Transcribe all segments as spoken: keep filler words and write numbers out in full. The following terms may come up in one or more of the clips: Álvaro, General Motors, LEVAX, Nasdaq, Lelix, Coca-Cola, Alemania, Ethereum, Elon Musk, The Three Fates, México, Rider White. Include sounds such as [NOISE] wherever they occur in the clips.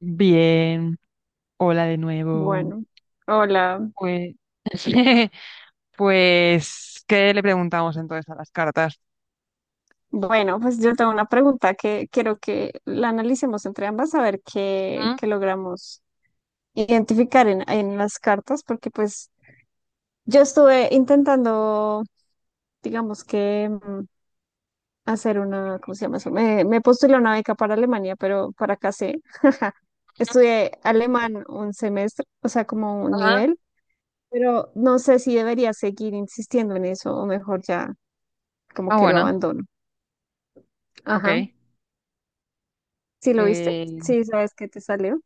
Bien, hola de nuevo. Bueno, hola. Pues, [LAUGHS] pues, ¿qué le preguntamos entonces a las cartas? Bueno, pues yo tengo una pregunta que quiero que la analicemos entre ambas a ver qué, ¿Mm? qué logramos identificar en, en las cartas, porque pues yo estuve intentando, digamos que mm, hacer una, ¿cómo se llama eso? Me, me postulé a una beca para Alemania, pero para acá sé. [LAUGHS] Estudié alemán un semestre, o sea, como un Ajá. nivel, pero no sé si debería seguir insistiendo en eso o mejor ya como Ah, que lo bueno, abandono. ok. Ajá. ¿Sí lo viste? Eh, Sí, sabes que te salió.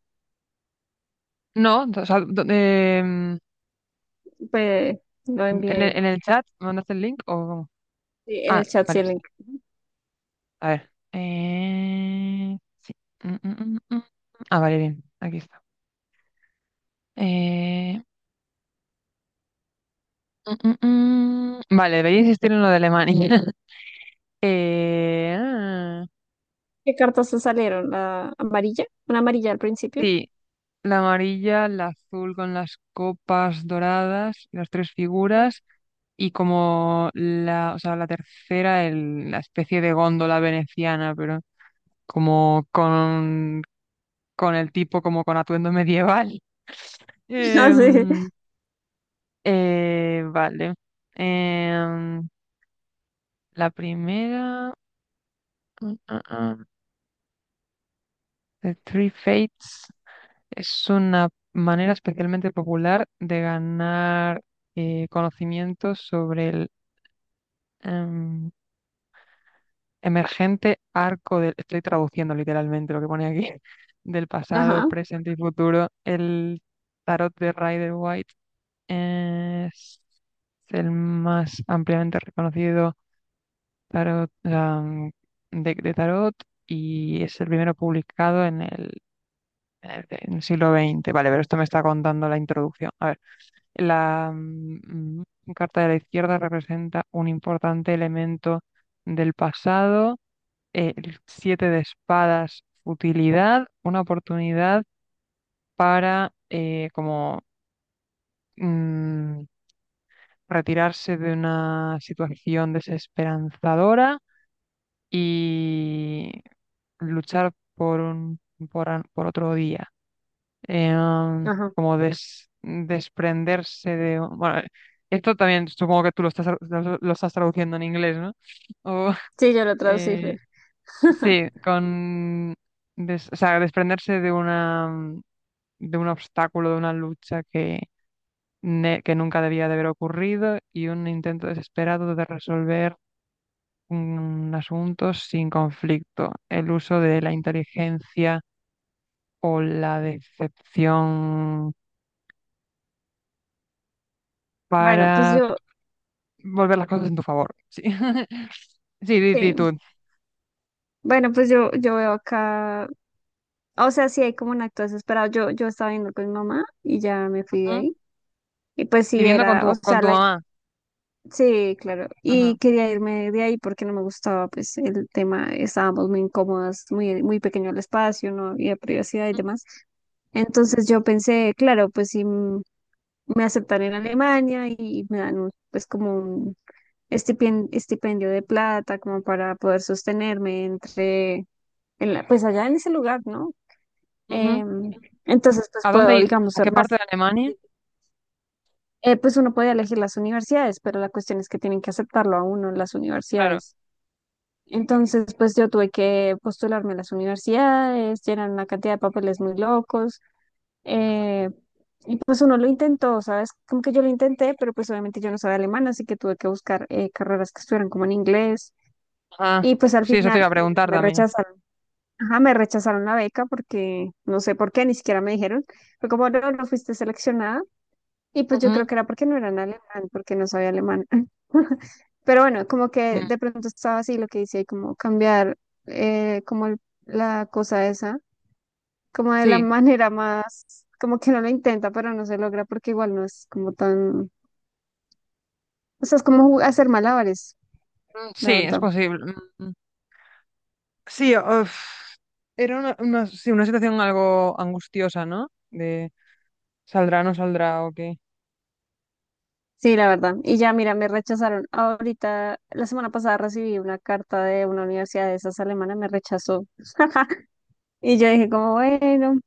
no, o sea, do- em, Pues lo en envié el, en el chat, ¿me mandaste el link o cómo? sí, en Ah, el chat, sí, vale, el está. link. A ver. Eh, sí. Mm, mm, mm, mm. Mm. Ah, vale, bien, aquí está. Eh, mm, mm, mm. Vale, debería insistir en lo de Alemania. [LAUGHS] Eh, ah, ¿Qué cartas te salieron? ¿La amarilla? ¿Una amarilla al principio? sí. La amarilla, la azul con las copas doradas, las tres Ajá. figuras, y como la, o sea, la tercera, el- la especie de góndola veneciana, pero como con, con el tipo, como con atuendo medieval. [LAUGHS] [LAUGHS] Ah, sí. Em, eh, vale. Em, la primera, mm, mm, mm, The Three Fates, es una manera especialmente popular de ganar eh, conocimientos sobre em, emergente arco del, estoy traduciendo literalmente lo que pone aquí, [LAUGHS] del pasado, Ajá, presente y futuro. El tarot de Rider White es el más ampliamente reconocido tarot, am, deck de tarot y es el primero publicado en el, en el en el siglo veinte. Vale, pero esto me está contando la introducción. A ver. La mm, mm, carta de la izquierda representa un importante elemento del pasado. eh, El siete de espadas, futilidad, una oportunidad para eh, como mm, retirarse de una situación desesperanzadora y luchar por un, por, an- por otro día. eh, ajá. como des- desprenderse de. Bueno, esto también supongo que tú lo estás, lo, lo estás traduciendo en inglés, ¿no? O, Sí, yo lo [LAUGHS] traducí, eh, Fer. [LAUGHS] sí, con, des- o sea, desprenderse de una, mm, de un obstáculo, de una lucha que, ne- que nunca debía de haber ocurrido y un intento desesperado de resolver un asunto sin conflicto. El uso de la inteligencia o la decepción Bueno, pues para yo, volver las cosas en tu favor. Sí, [LAUGHS] sí, di, di sí. tú. Bueno, pues yo, yo veo acá. O sea, sí hay como un acto desesperado. Yo, yo estaba viendo con mi mamá y ya me fui de Ujú. ahí. Y pues sí Viviendo con era, o tu, con sea, tu la mamá. sí, claro. Y Ajá. quería irme de ahí porque no me gustaba, pues, el tema, estábamos muy incómodas, muy, muy pequeño el espacio, no había privacidad y demás. Entonces yo pensé, claro, pues si m- me aceptan en Alemania y me dan un- pues como un estipen- estipendio de plata como para poder sostenerme entre, en la- pues allá en ese lugar, ¿no? Ujú. Em, entonces pues ¿A dónde, puedo, i- digamos, a ser qué parte más, de Alemania? eh, pues uno puede elegir las universidades, pero la cuestión es que tienen que aceptarlo a uno en las Claro. universidades. Entonces, pues yo tuve que postularme a las universidades, llenar una cantidad de papeles muy locos. eh, y pues uno lo intentó, ¿sabes? Como que yo lo intenté, pero pues obviamente yo no sabía alemán, así que tuve que buscar eh, carreras que estuvieran como en inglés. Ah, Y pues al sí, eso te iba final a ellos preguntar me también. rechazaron. Ajá, me rechazaron la beca porque no sé por qué, ni siquiera me dijeron. Fue como, no, no fuiste seleccionada. Y pues yo creo Ujú. que era porque no eran alemán, porque no sabía alemán. [LAUGHS] Pero bueno, como que Mm, de pronto estaba así lo que hice, como cambiar eh, como el- la cosa esa, como de la [LAUGHS] sí. manera más, como que no lo intenta, pero no se logra porque igual no es como tan, o sea, es como jug- hacer malabares, Mm, la sí, es verdad. posible. Mm, mm. Sí, uf, era una, una, sí, una situación algo angustiosa, ¿no? De saldrá, no saldrá, o qué. Sí, la verdad. Y ya, mira, me rechazaron. Ahorita, la semana pasada recibí una carta de una universidad de esas alemanas, me rechazó. [LAUGHS] Y yo dije como, bueno.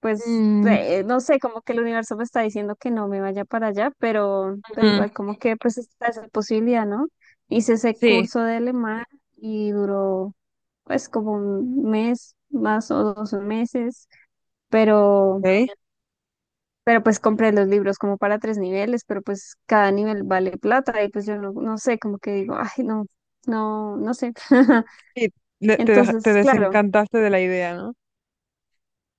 Pues Mm, eh, no sé, como que el universo me está diciendo que no me vaya para allá, pero, pero ujú. igual como que pues está esa posibilidad, ¿no? Hice ese Sí. curso de alemán y duró pues como un mes más o dos meses, pero, Ok. pero pues compré los libros como para tres niveles, pero pues cada nivel vale plata y pues yo no, no sé, como que digo, ay, no, no, no sé. [LAUGHS] Sí, le- te, deja- te Entonces, claro. desencantaste de la idea, ¿no?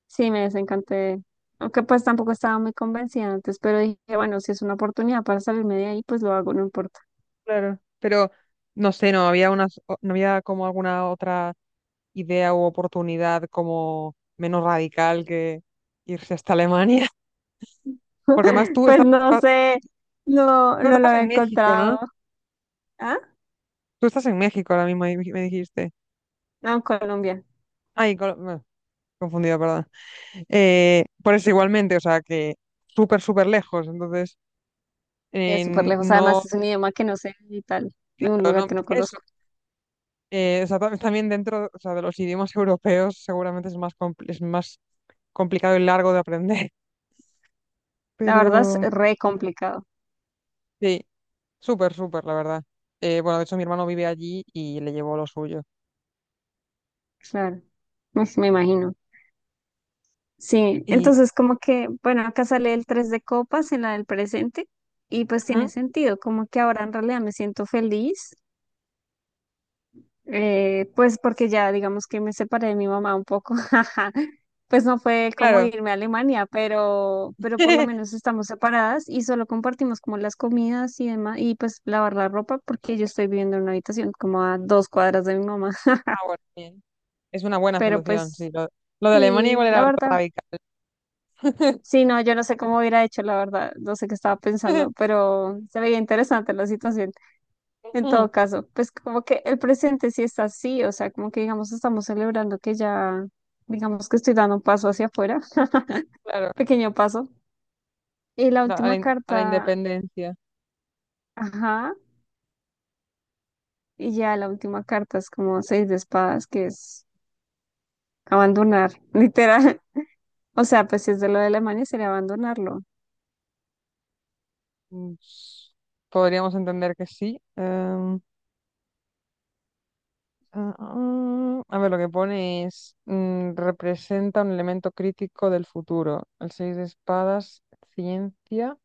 Sí, me desencanté. Aunque pues tampoco estaba muy convencida antes, pero dije, bueno, si es una oportunidad para salirme de ahí, pues lo hago, no importa. Claro, pero no sé, no había unas, o- no había como alguna otra idea u oportunidad como menos radical que irse hasta Alemania, [LAUGHS] porque más [LAUGHS] tú Pues estabas, no ah, sé, no, tú no lo estabas había en México, ¿no? encontrado. ¿Ah? Tú estás en México ahora mismo, di- me dijiste. No, en Colombia. Ay, Col- bueno, confundida, perdón. Eh, por eso igualmente, o sea que súper, súper lejos, entonces Es súper eh, lejos. no, Además, es un idioma que no sé y tal, y un lugar no, que no por eso. conozco. eh, o sea, tam- también dentro, o sea, de los idiomas [LAUGHS] europeos seguramente es más, compl- es más complicado y largo de aprender. La verdad es Pero re complicado. sí, súper, súper, la verdad. Eh, bueno, de hecho mi hermano vive allí y le llevó lo suyo. Claro, pues, me imagino. Sí, Y, entonces como que, bueno, acá sale el tres de copas en la del presente y pues tiene ujú, sentido, como que ahora en realidad me siento feliz. Eh, pues porque ya digamos que me separé de mi mamá un poco, [LAUGHS] pues no fue como claro. irme a Alemania, pero, pero por lo [LAUGHS] menos estamos separadas y solo compartimos como las comidas y demás, y pues lavar la ropa porque yo estoy viviendo en una habitación como a dos cuadras de mi mamá, Ah, [LAUGHS] bueno, bien. Es una buena pero solución, pues sí. Lo, lo de Alemania sí, igual era la algo verdad. radical. [LAUGHS] Sí, no, yo no sé cómo hubiera hecho, la verdad, no sé qué estaba pensando, pero se veía interesante la situación. En Ujú. todo caso, pues como que el presente sí está así, o sea, como que digamos estamos celebrando que ya, digamos que estoy dando un paso hacia afuera, [LAUGHS] Claro, pequeño paso. Y la la- a la, última in- a la carta, independencia. ajá, y ya la última carta es como seis de espadas, que es abandonar, [LAUGHS] literal. O sea, pues si es de lo de Alemania sería abandonarlo. Mm, s- Podríamos entender que sí. Em, ah, ah, a ver, lo que pone es, mm, representa un elemento crítico del futuro. El seis de espadas, ciencia.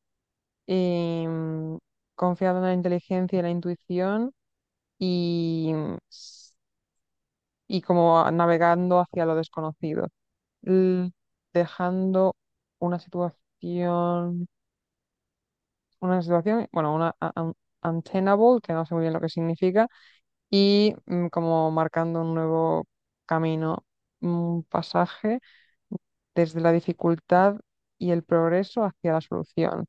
em, confiando en la inteligencia y la intuición y, y como navegando hacia lo desconocido, L- dejando una situación, una situación, bueno, una a- un- untenable, que no sé muy bien lo que significa, y mm, como marcando un nuevo camino, un pasaje desde la dificultad y el progreso hacia la solución,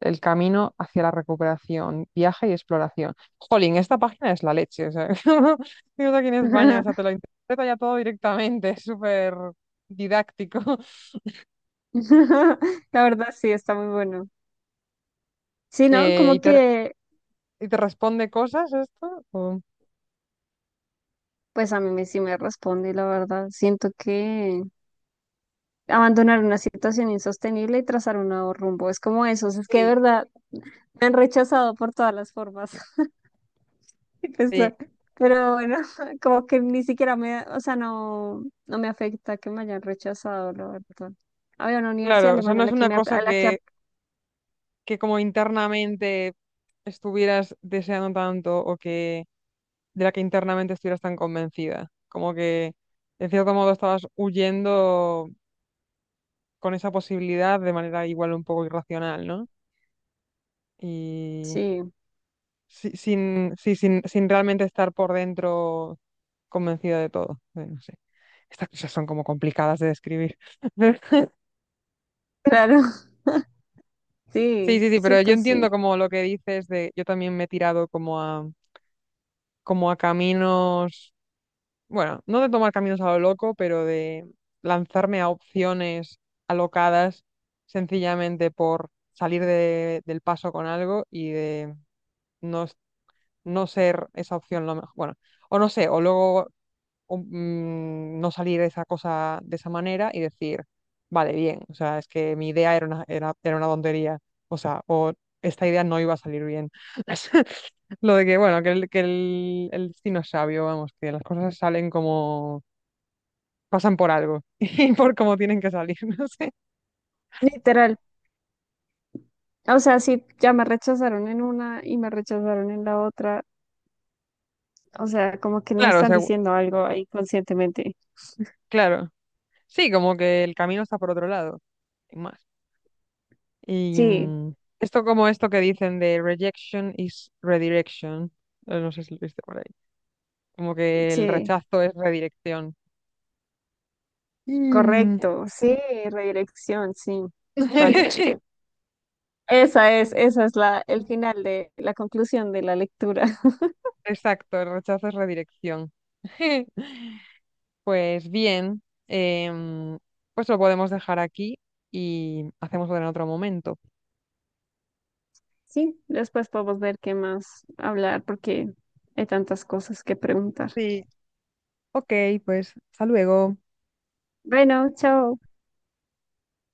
el camino hacia la recuperación, viaje y exploración. Jolín, esta página es la leche, o sea, [LAUGHS] digo, aquí en España, o sea, te [LAUGHS] lo interpreta ya todo directamente, es súper didáctico. [LAUGHS] La verdad sí, está muy bueno. Sí, ¿no? Eh, y Como te, que, y te responde cosas esto? o- pues a mí me- sí me responde, la verdad. Siento que... abandonar una situación insostenible y trazar un nuevo rumbo. Es como eso, es que de Sí, verdad me han rechazado por todas las formas. [LAUGHS] Y sí, pesar. Pero bueno, [LAUGHS] como que ni siquiera me, o sea, no, no me afecta que me hayan rechazado, la verdad. Había una universidad claro, o sea, alemana a no es la que una me, ap- cosa a la que, que ap- que como internamente estuvieras deseando tanto o que de la que internamente estuvieras tan convencida, como que en cierto modo estabas huyendo con esa posibilidad de manera igual un poco irracional, ¿no? Y sí, si- sin, sí, sin, sin realmente estar por dentro convencida de todo. Eh, No sé. Estas cosas son como complicadas de describir. [LAUGHS] claro, [LAUGHS] Sí, sí, sí, sí, sí, pero yo pues sí, entiendo como lo que dices de yo también me he tirado como a como a caminos bueno, no de tomar caminos a lo loco, pero de lanzarme a opciones alocadas sencillamente por salir de- del paso con algo y de no, es- no ser esa opción lo mejor, bueno, o no sé, o luego o, mm, no salir de esa cosa de esa manera y decir, vale, bien, o sea, es que mi idea era una, era, era una tontería, o sea, o esta idea no iba a salir bien. [LAUGHS] Lo de que, bueno, que, el, que el, el destino es sabio, vamos, que las cosas salen como pasan por algo [LAUGHS] y por cómo tienen que salir, [LAUGHS] no sé. literal. O sea, sí, ya me rechazaron en una y me rechazaron en la otra. O sea, como que no me Claro, o están sea, diciendo algo ahí conscientemente. claro. Sí, como que el camino está por otro lado, y más. Y Sí, mm, esto como esto que dicen de rejection is redirection, eh, no sé si lo viste por ahí, como que el sí. rechazo es redirección. Y, mm, Correcto, sí, redirección, sí. Vaya. [LAUGHS] sí. Esa es, esa es la, el final de la conclusión de la lectura. [LAUGHS] Exacto, el rechazo es redirección. [LAUGHS] Pues bien, em, pues lo podemos dejar aquí y hacemos otro en otro momento. Sí, después podemos ver qué más hablar porque hay tantas cosas que preguntar. Sí, ok, pues hasta luego. Bueno, chao.